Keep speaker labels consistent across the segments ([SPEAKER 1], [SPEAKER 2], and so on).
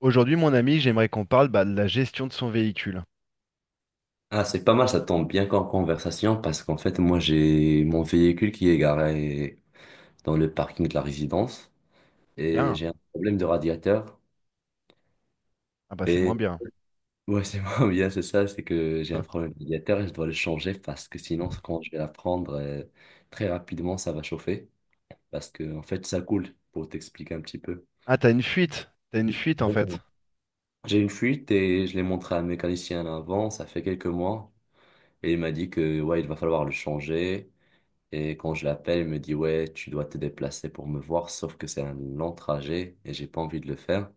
[SPEAKER 1] Aujourd'hui, mon ami, j'aimerais qu'on parle bah, de la gestion de son véhicule.
[SPEAKER 2] Ah, c'est pas mal, ça tombe bien qu'en conversation parce qu'en fait, moi, j'ai mon véhicule qui est garé dans le parking de la résidence et
[SPEAKER 1] Bien.
[SPEAKER 2] j'ai un problème de radiateur.
[SPEAKER 1] Ah bah c'est moins
[SPEAKER 2] Et
[SPEAKER 1] bien.
[SPEAKER 2] ouais, c'est moi, bien, c'est ça, c'est que j'ai un problème de radiateur et je dois le changer parce que sinon, quand je vais la prendre très rapidement, ça va chauffer parce que en fait, ça coule pour t'expliquer un petit peu.
[SPEAKER 1] Ah, t'as une fuite. T'as une fuite en fait.
[SPEAKER 2] Exactement. J'ai une fuite et je l'ai montré à un mécanicien avant, ça fait quelques mois, et il m'a dit que ouais, il va falloir le changer. Et quand je l'appelle, il me dit, ouais, tu dois te déplacer pour me voir, sauf que c'est un long trajet et j'ai pas envie de le faire.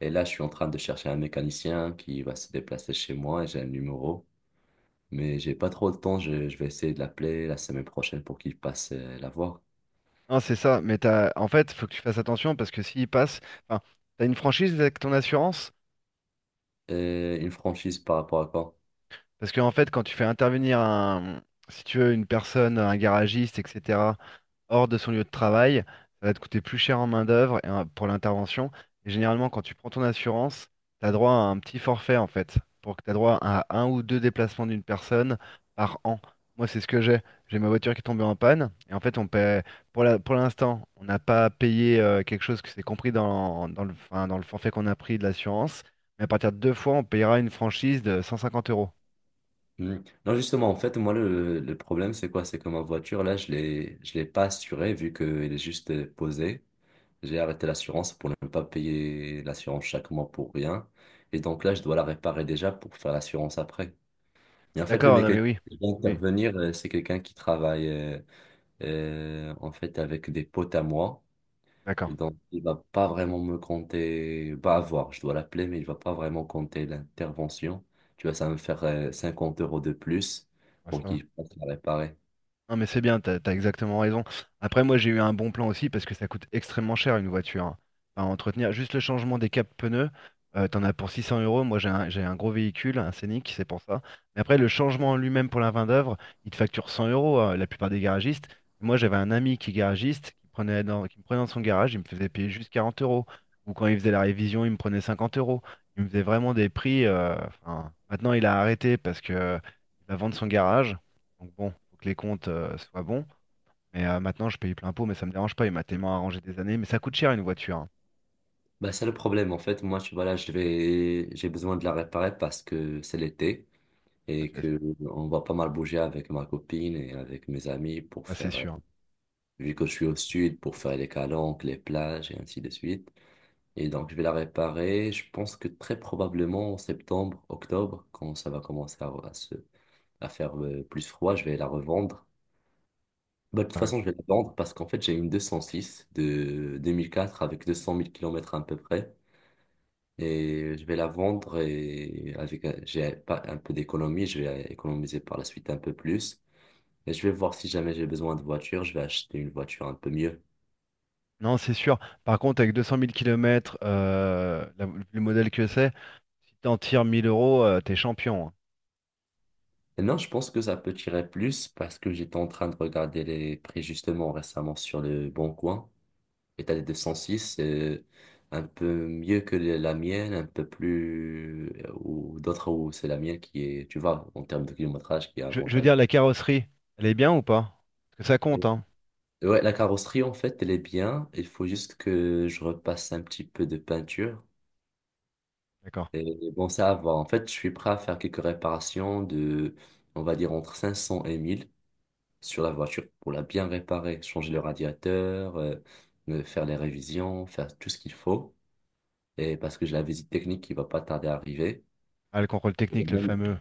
[SPEAKER 2] Et là, je suis en train de chercher un mécanicien qui va se déplacer chez moi et j'ai un numéro. Mais j'ai pas trop de temps, je vais essayer de l'appeler la semaine prochaine pour qu'il passe la voir.
[SPEAKER 1] Non, c'est ça. Mais en fait, faut que tu fasses attention parce que s'il passe, enfin, t'as une franchise avec ton assurance.
[SPEAKER 2] Et une franchise par rapport à quoi?
[SPEAKER 1] Parce que en fait, quand tu fais intervenir si tu veux, une personne, un garagiste, etc. hors de son lieu de travail. Ça va te coûter plus cher en main-d'œuvre et pour l'intervention. Et généralement, quand tu prends ton assurance, tu as droit à un petit forfait en fait, pour que tu as droit à un ou deux déplacements d'une personne par an. Moi, c'est ce que j'ai. J'ai ma voiture qui est tombée en panne. Et en fait, on paie, pour l'instant, on n'a pas payé quelque chose que c'est compris dans le, enfin, dans le forfait qu'on a pris de l'assurance. Mais à partir de deux fois, on payera une franchise de 150 euros.
[SPEAKER 2] Hmm. Non, justement, en fait, moi, le problème, c'est quoi? C'est que ma voiture, là, je l'ai pas assurée vu qu'elle est juste posée. J'ai arrêté l'assurance pour ne pas payer l'assurance chaque mois pour rien. Et donc là, je dois la réparer déjà pour faire l'assurance après. Et en fait, le
[SPEAKER 1] D'accord, non mais
[SPEAKER 2] mécanicien
[SPEAKER 1] oui.
[SPEAKER 2] qui va
[SPEAKER 1] Oui,
[SPEAKER 2] intervenir, c'est quelqu'un qui travaille en fait avec des potes à moi.
[SPEAKER 1] d'accord.
[SPEAKER 2] Donc, il va pas vraiment me compter, pas avoir, je dois l'appeler, mais il va pas vraiment compter l'intervention. Tu vois, ça va me faire 50 € de plus
[SPEAKER 1] Ouais,
[SPEAKER 2] pour
[SPEAKER 1] ça va.
[SPEAKER 2] qu'il puisse la réparer.
[SPEAKER 1] Non, mais c'est bien, t'as exactement raison. Après, moi, j'ai eu un bon plan aussi parce que ça coûte extrêmement cher une voiture, hein. Enfin, entretenir juste le changement des capes pneus, t'en as pour 600 euros. Moi, j'ai un gros véhicule, un Scénic, c'est pour ça. Mais après, le changement en lui-même pour la main d'œuvre, il te facture 100 euros, hein, la plupart des garagistes. Moi, j'avais un ami qui est garagiste, qui me prenait dans son garage, il me faisait payer juste 40 euros. Ou quand il faisait la révision, il me prenait 50 euros. Il me faisait vraiment des prix. Enfin, maintenant, il a arrêté parce que il va vendre son garage. Donc bon, faut que les comptes soient bons. Mais maintenant, je paye plein pot, mais ça me dérange pas. Il m'a tellement arrangé des années. Mais ça coûte cher une voiture, hein.
[SPEAKER 2] Bah, c'est le problème. En fait, moi, tu vois, là, j'ai besoin de la réparer parce que c'est l'été.
[SPEAKER 1] Ah,
[SPEAKER 2] Et
[SPEAKER 1] tu-
[SPEAKER 2] que on va pas mal bouger avec ma copine et avec mes amis pour
[SPEAKER 1] ah, c'est
[SPEAKER 2] faire,
[SPEAKER 1] sûr, hein.
[SPEAKER 2] vu que je suis au sud, pour faire les calanques, les plages et ainsi de suite. Et donc, je vais la réparer. Je pense que très probablement en septembre, octobre, quand ça va commencer à faire plus froid, je vais la revendre. Bah, de toute
[SPEAKER 1] T'as raison.
[SPEAKER 2] façon, je vais la vendre parce qu'en fait, j'ai une 206 de 2004 avec 200 000 km à peu près. Et je vais la vendre et avec, j'ai pas un peu d'économie, je vais économiser par la suite un peu plus. Et je vais voir si jamais j'ai besoin de voiture, je vais acheter une voiture un peu mieux.
[SPEAKER 1] Non, c'est sûr. Par contre, avec 200 000 km, le modèle que c'est, si t'en tires 1 000 euros, t'es champion, hein.
[SPEAKER 2] Et non, je pense que ça peut tirer plus parce que j'étais en train de regarder les prix justement récemment sur le Bon Coin. Et t'as des 206 c'est un peu mieux que la mienne, un peu plus, ou d'autres où c'est la mienne qui est, tu vois, en termes de kilométrage, qui est
[SPEAKER 1] Je veux
[SPEAKER 2] avantageux.
[SPEAKER 1] dire, la carrosserie, elle est bien ou pas? Parce que ça compte,
[SPEAKER 2] Et-
[SPEAKER 1] hein.
[SPEAKER 2] Ouais, la carrosserie en fait, elle est bien. Il faut juste que je repasse un petit peu de peinture.
[SPEAKER 1] D'accord.
[SPEAKER 2] Et bon, ça va. En fait, je suis prêt à faire quelques réparations de, on va dire, entre 500 et 1000 sur la voiture pour la bien réparer, changer le radiateur, faire les révisions, faire tout ce qu'il faut. Et parce que j'ai la visite technique qui va pas tarder à arriver.
[SPEAKER 1] Ah, le contrôle
[SPEAKER 2] Et
[SPEAKER 1] technique, le
[SPEAKER 2] même-
[SPEAKER 1] fameux.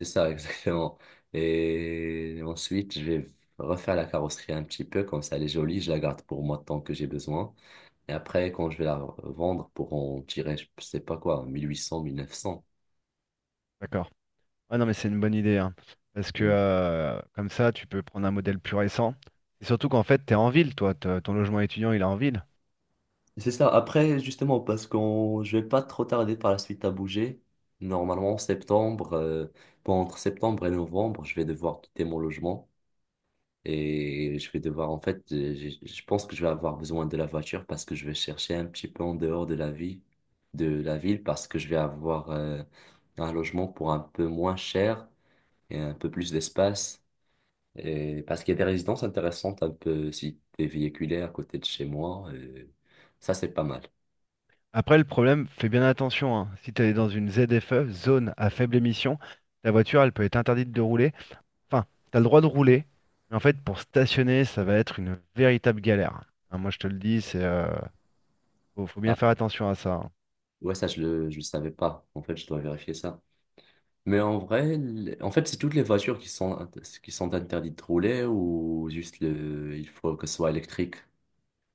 [SPEAKER 2] C'est ça, exactement. Et ensuite, je vais refaire la carrosserie un petit peu, comme ça elle est jolie, je la garde pour moi tant que j'ai besoin. Et après, quand je vais la vendre pour en tirer, je sais pas quoi, 1800, 1900.
[SPEAKER 1] D'accord. Ah non, mais c'est une bonne idée, hein. Parce que comme ça, tu peux prendre un modèle plus récent. Et surtout qu'en fait, t'es en ville, toi. Ton logement étudiant, il est en ville.
[SPEAKER 2] C'est ça. Après, justement, je vais pas trop tarder par la suite à bouger. Normalement, en septembre, bon, entre septembre et novembre, je vais devoir quitter mon logement et je vais devoir, en fait, je pense que je vais avoir besoin de la voiture parce que je vais chercher un petit peu en dehors de la vie, de la ville, parce que je vais avoir un logement pour un peu moins cher et un peu plus d'espace. Et parce qu'il y a des résidences intéressantes un peu si t'es véhiculé à côté de chez moi, ça c'est pas mal.
[SPEAKER 1] Après, le problème, fais bien attention, hein. Si tu es dans une ZFE, zone à faible émission, ta voiture, elle peut être interdite de rouler. Enfin, tu as le droit de rouler, mais en fait, pour stationner, ça va être une véritable galère. Hein, moi, je te le dis, faut bien faire attention à ça, hein.
[SPEAKER 2] Ouais, ça, je le savais pas. En fait, je dois vérifier ça. Mais en vrai, en fait, c'est toutes les voitures qui sont, qui sont interdites de rouler ou juste il faut que ce soit électrique.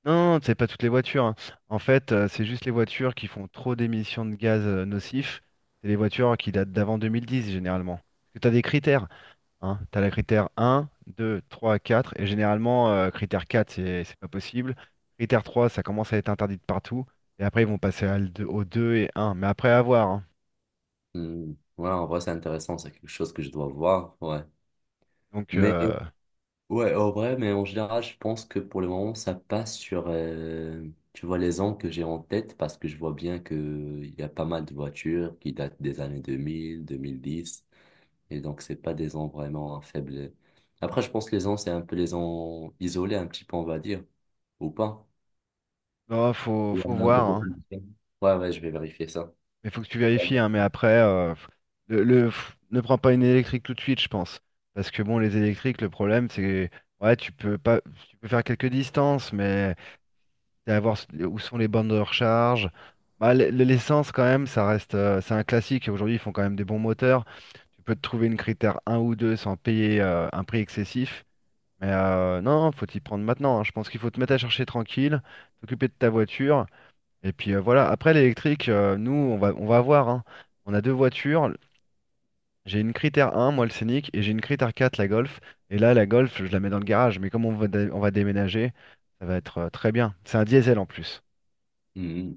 [SPEAKER 1] Non, non, c'est pas toutes les voitures, hein. En fait, c'est juste les voitures qui font trop d'émissions de gaz nocifs. C'est les voitures qui datent d'avant 2010, généralement. Parce que tu as des critères. Hein. Tu as le critère 1, 2, 3, 4. Et généralement, critère 4 c'est pas possible. Critère 3 ça commence à être interdit de partout. Et après, ils vont passer au 2 et un. Mais après, à voir, hein.
[SPEAKER 2] Hmm. Ouais, en vrai, c'est intéressant. C'est quelque chose que je dois voir. Ouais.
[SPEAKER 1] Donc,
[SPEAKER 2] Mais, ouais, en vrai, mais en général, je pense que pour le moment, ça passe sur, tu vois, les ans que j'ai en tête parce que je vois bien que il y a pas mal de voitures qui datent des années 2000, 2010. Et donc, c'est pas des ans vraiment faibles. Après, je pense que les ans, c'est un peu les ans isolés, un petit peu, on va dire. Ou pas.
[SPEAKER 1] non, faut,
[SPEAKER 2] Il y
[SPEAKER 1] faut
[SPEAKER 2] en a des
[SPEAKER 1] voir, hein.
[SPEAKER 2] populations. Ouais, ouais, je vais vérifier ça.
[SPEAKER 1] Mais faut que tu vérifies, hein. Mais après, ne prends pas une électrique tout de suite, je pense. Parce que bon, les électriques, le problème, c'est. Ouais, tu peux pas. Tu peux faire quelques distances, mais. D'aller voir où sont les bornes de recharge. Bah, l'essence, quand même, ça reste, c'est un classique. Aujourd'hui, ils font quand même des bons moteurs. Tu peux te trouver une critère un ou 2 sans payer un prix excessif. Mais non, faut t'y prendre maintenant, hein. Je pense qu'il faut te mettre à chercher tranquille, t'occuper de ta voiture. Et puis voilà, après l'électrique, nous, on va voir, hein. On a deux voitures. J'ai une critère un moi le Scénic, et j'ai une critère 4 la Golf. Et là, la Golf, je la mets dans le garage. Mais comme on va déménager, ça va être très bien. C'est un diesel en plus.
[SPEAKER 2] Mhm.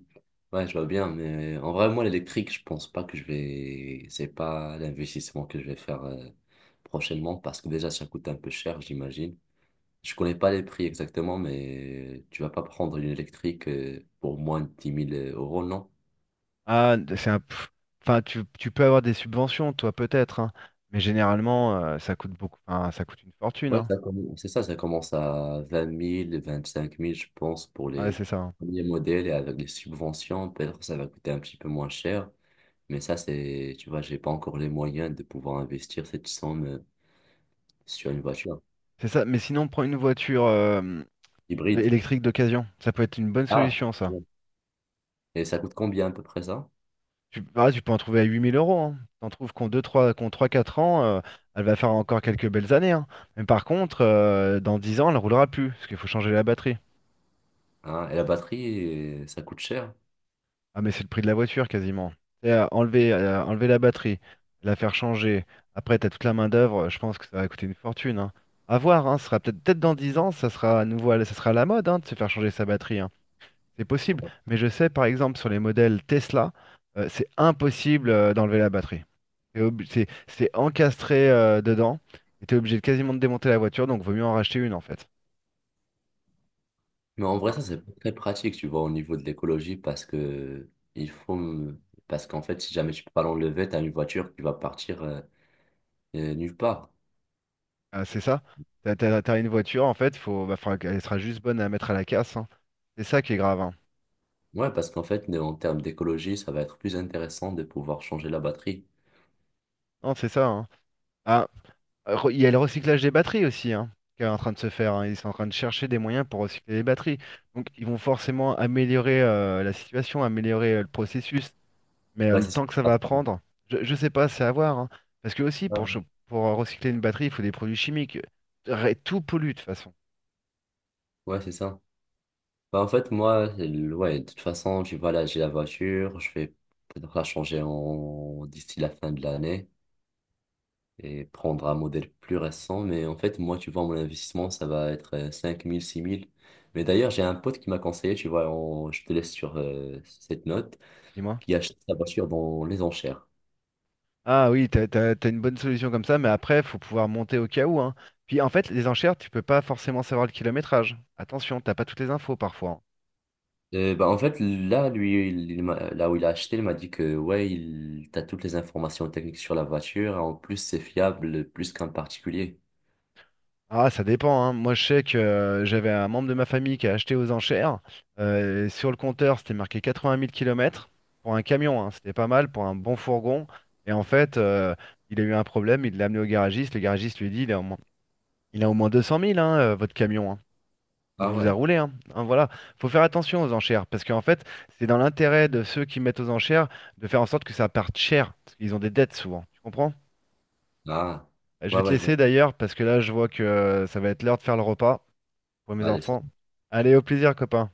[SPEAKER 2] Ouais, je vois bien, mais en vrai, moi, l'électrique, je pense pas que je vais. C'est pas l'investissement que je vais faire prochainement parce que déjà, ça coûte un peu cher, j'imagine. Je connais pas les prix exactement, mais tu vas pas prendre une électrique pour moins de dix mille euros, non?
[SPEAKER 1] Ah, c'est un, enfin, tu peux avoir des subventions, toi, peut-être, hein, mais généralement, ça coûte beaucoup, enfin, ça coûte une fortune,
[SPEAKER 2] Ouais,
[SPEAKER 1] hein.
[SPEAKER 2] ça commence, c'est ça, ça commence à 20 000 25 000 je pense, pour
[SPEAKER 1] Ouais,
[SPEAKER 2] les
[SPEAKER 1] c'est ça, hein.
[SPEAKER 2] premiers modèles et avec les subventions, peut-être que ça va coûter un petit peu moins cher. Mais ça, c'est, tu vois, j'ai pas encore les moyens de pouvoir investir cette somme sur une voiture
[SPEAKER 1] C'est ça. Mais sinon, prends une voiture
[SPEAKER 2] hybride.
[SPEAKER 1] électrique d'occasion. Ça peut être une bonne
[SPEAKER 2] Ah,
[SPEAKER 1] solution, ça.
[SPEAKER 2] bon. Et ça coûte combien à peu près ça?
[SPEAKER 1] Tu peux en trouver à 8 000 euros. Hein. T'en trouves qu'en 3, 4 ans, elle va faire encore quelques belles années, hein. Mais par contre, dans 10 ans, elle roulera plus, parce qu'il faut changer la batterie.
[SPEAKER 2] Hein, et la batterie, ça coûte cher.
[SPEAKER 1] Ah mais c'est le prix de la voiture quasiment. Et, enlever la batterie, la faire changer, après t'as toute la main-d'œuvre, je pense que ça va coûter une fortune. Hein. À voir, hein, ce sera peut-être dans 10 ans, ça sera à nouveau, ça sera à la mode hein, de se faire changer sa batterie, hein. C'est
[SPEAKER 2] Ouais.
[SPEAKER 1] possible, mais je sais par exemple sur les modèles Tesla, c'est impossible d'enlever la batterie. C'est encastré dedans, et t'es obligé de quasiment de démonter la voiture, donc vaut mieux en racheter une en fait.
[SPEAKER 2] Mais en vrai,
[SPEAKER 1] Enfin,
[SPEAKER 2] ça, c'est pas très pratique, tu vois, au niveau de l'écologie, parce que il faut, parce qu'en fait, si jamais tu peux pas l'enlever, t'as une voiture qui va partir nulle part.
[SPEAKER 1] ah, c'est ça. T'as une voiture, en fait, bah, faudra qu'elle sera juste bonne à mettre à la casse, hein. C'est ça qui est grave, hein.
[SPEAKER 2] Ouais, parce qu'en fait, en termes d'écologie, ça va être plus intéressant de pouvoir changer la batterie.
[SPEAKER 1] Non, c'est ça, hein. Ah, il y a le recyclage des batteries aussi, hein, qui est en train de se faire, hein. Ils sont en train de chercher des moyens pour recycler les batteries. Donc, ils vont forcément améliorer la situation, améliorer le processus. Mais
[SPEAKER 2] Ouais,
[SPEAKER 1] le
[SPEAKER 2] c'est ça.
[SPEAKER 1] temps que ça va prendre, je sais pas, c'est à voir, hein. Parce que aussi,
[SPEAKER 2] Ah.
[SPEAKER 1] pour recycler une batterie, il faut des produits chimiques. Tout pollue de toute façon.
[SPEAKER 2] Ouais, c'est ça. Bah, en fait, moi, ouais, de toute façon, tu vois, là, j'ai la voiture, je vais peut-être la changer d'ici la fin de l'année et prendre un modèle plus récent. Mais en fait, moi, tu vois, mon investissement, ça va être 5 000, 6 000. Mais d'ailleurs, j'ai un pote qui m'a conseillé, tu vois, je te laisse sur cette note,
[SPEAKER 1] Dis-moi.
[SPEAKER 2] qui achète sa voiture dans les enchères.
[SPEAKER 1] Ah oui, t'as une bonne solution comme ça, mais après, faut pouvoir monter au cas où, hein. Puis en fait, les enchères, tu peux pas forcément savoir le kilométrage. Attention, t'as pas toutes les infos parfois, hein.
[SPEAKER 2] Bah, en fait, là, lui, là où il a acheté, il m'a dit que, ouais, t'as toutes les informations techniques sur la voiture. En plus, c'est fiable plus qu'un particulier.
[SPEAKER 1] Ah, ça dépend, hein. Moi, je sais que j'avais un membre de ma famille qui a acheté aux enchères. Sur le compteur, c'était marqué 80 000 kilomètres pour un camion, hein. C'était pas mal pour un bon fourgon. Et en fait, il a eu un problème, il l'a amené au garagiste. Le garagiste lui a dit, il a au moins 200 000, hein, votre camion, hein. Vous
[SPEAKER 2] Ah
[SPEAKER 1] vous a
[SPEAKER 2] ouais.
[SPEAKER 1] roulé, hein. Hein, voilà, faut faire attention aux enchères parce qu'en fait, c'est dans l'intérêt de ceux qui mettent aux enchères de faire en sorte que ça parte cher parce qu'ils ont des dettes souvent. Tu comprends?
[SPEAKER 2] Ah.
[SPEAKER 1] Je
[SPEAKER 2] Ouais,
[SPEAKER 1] vais te
[SPEAKER 2] ouais, je vois.
[SPEAKER 1] laisser d'ailleurs parce que là, je vois que ça va être l'heure de faire le repas pour mes
[SPEAKER 2] Allez,
[SPEAKER 1] enfants. Allez, au plaisir, copain.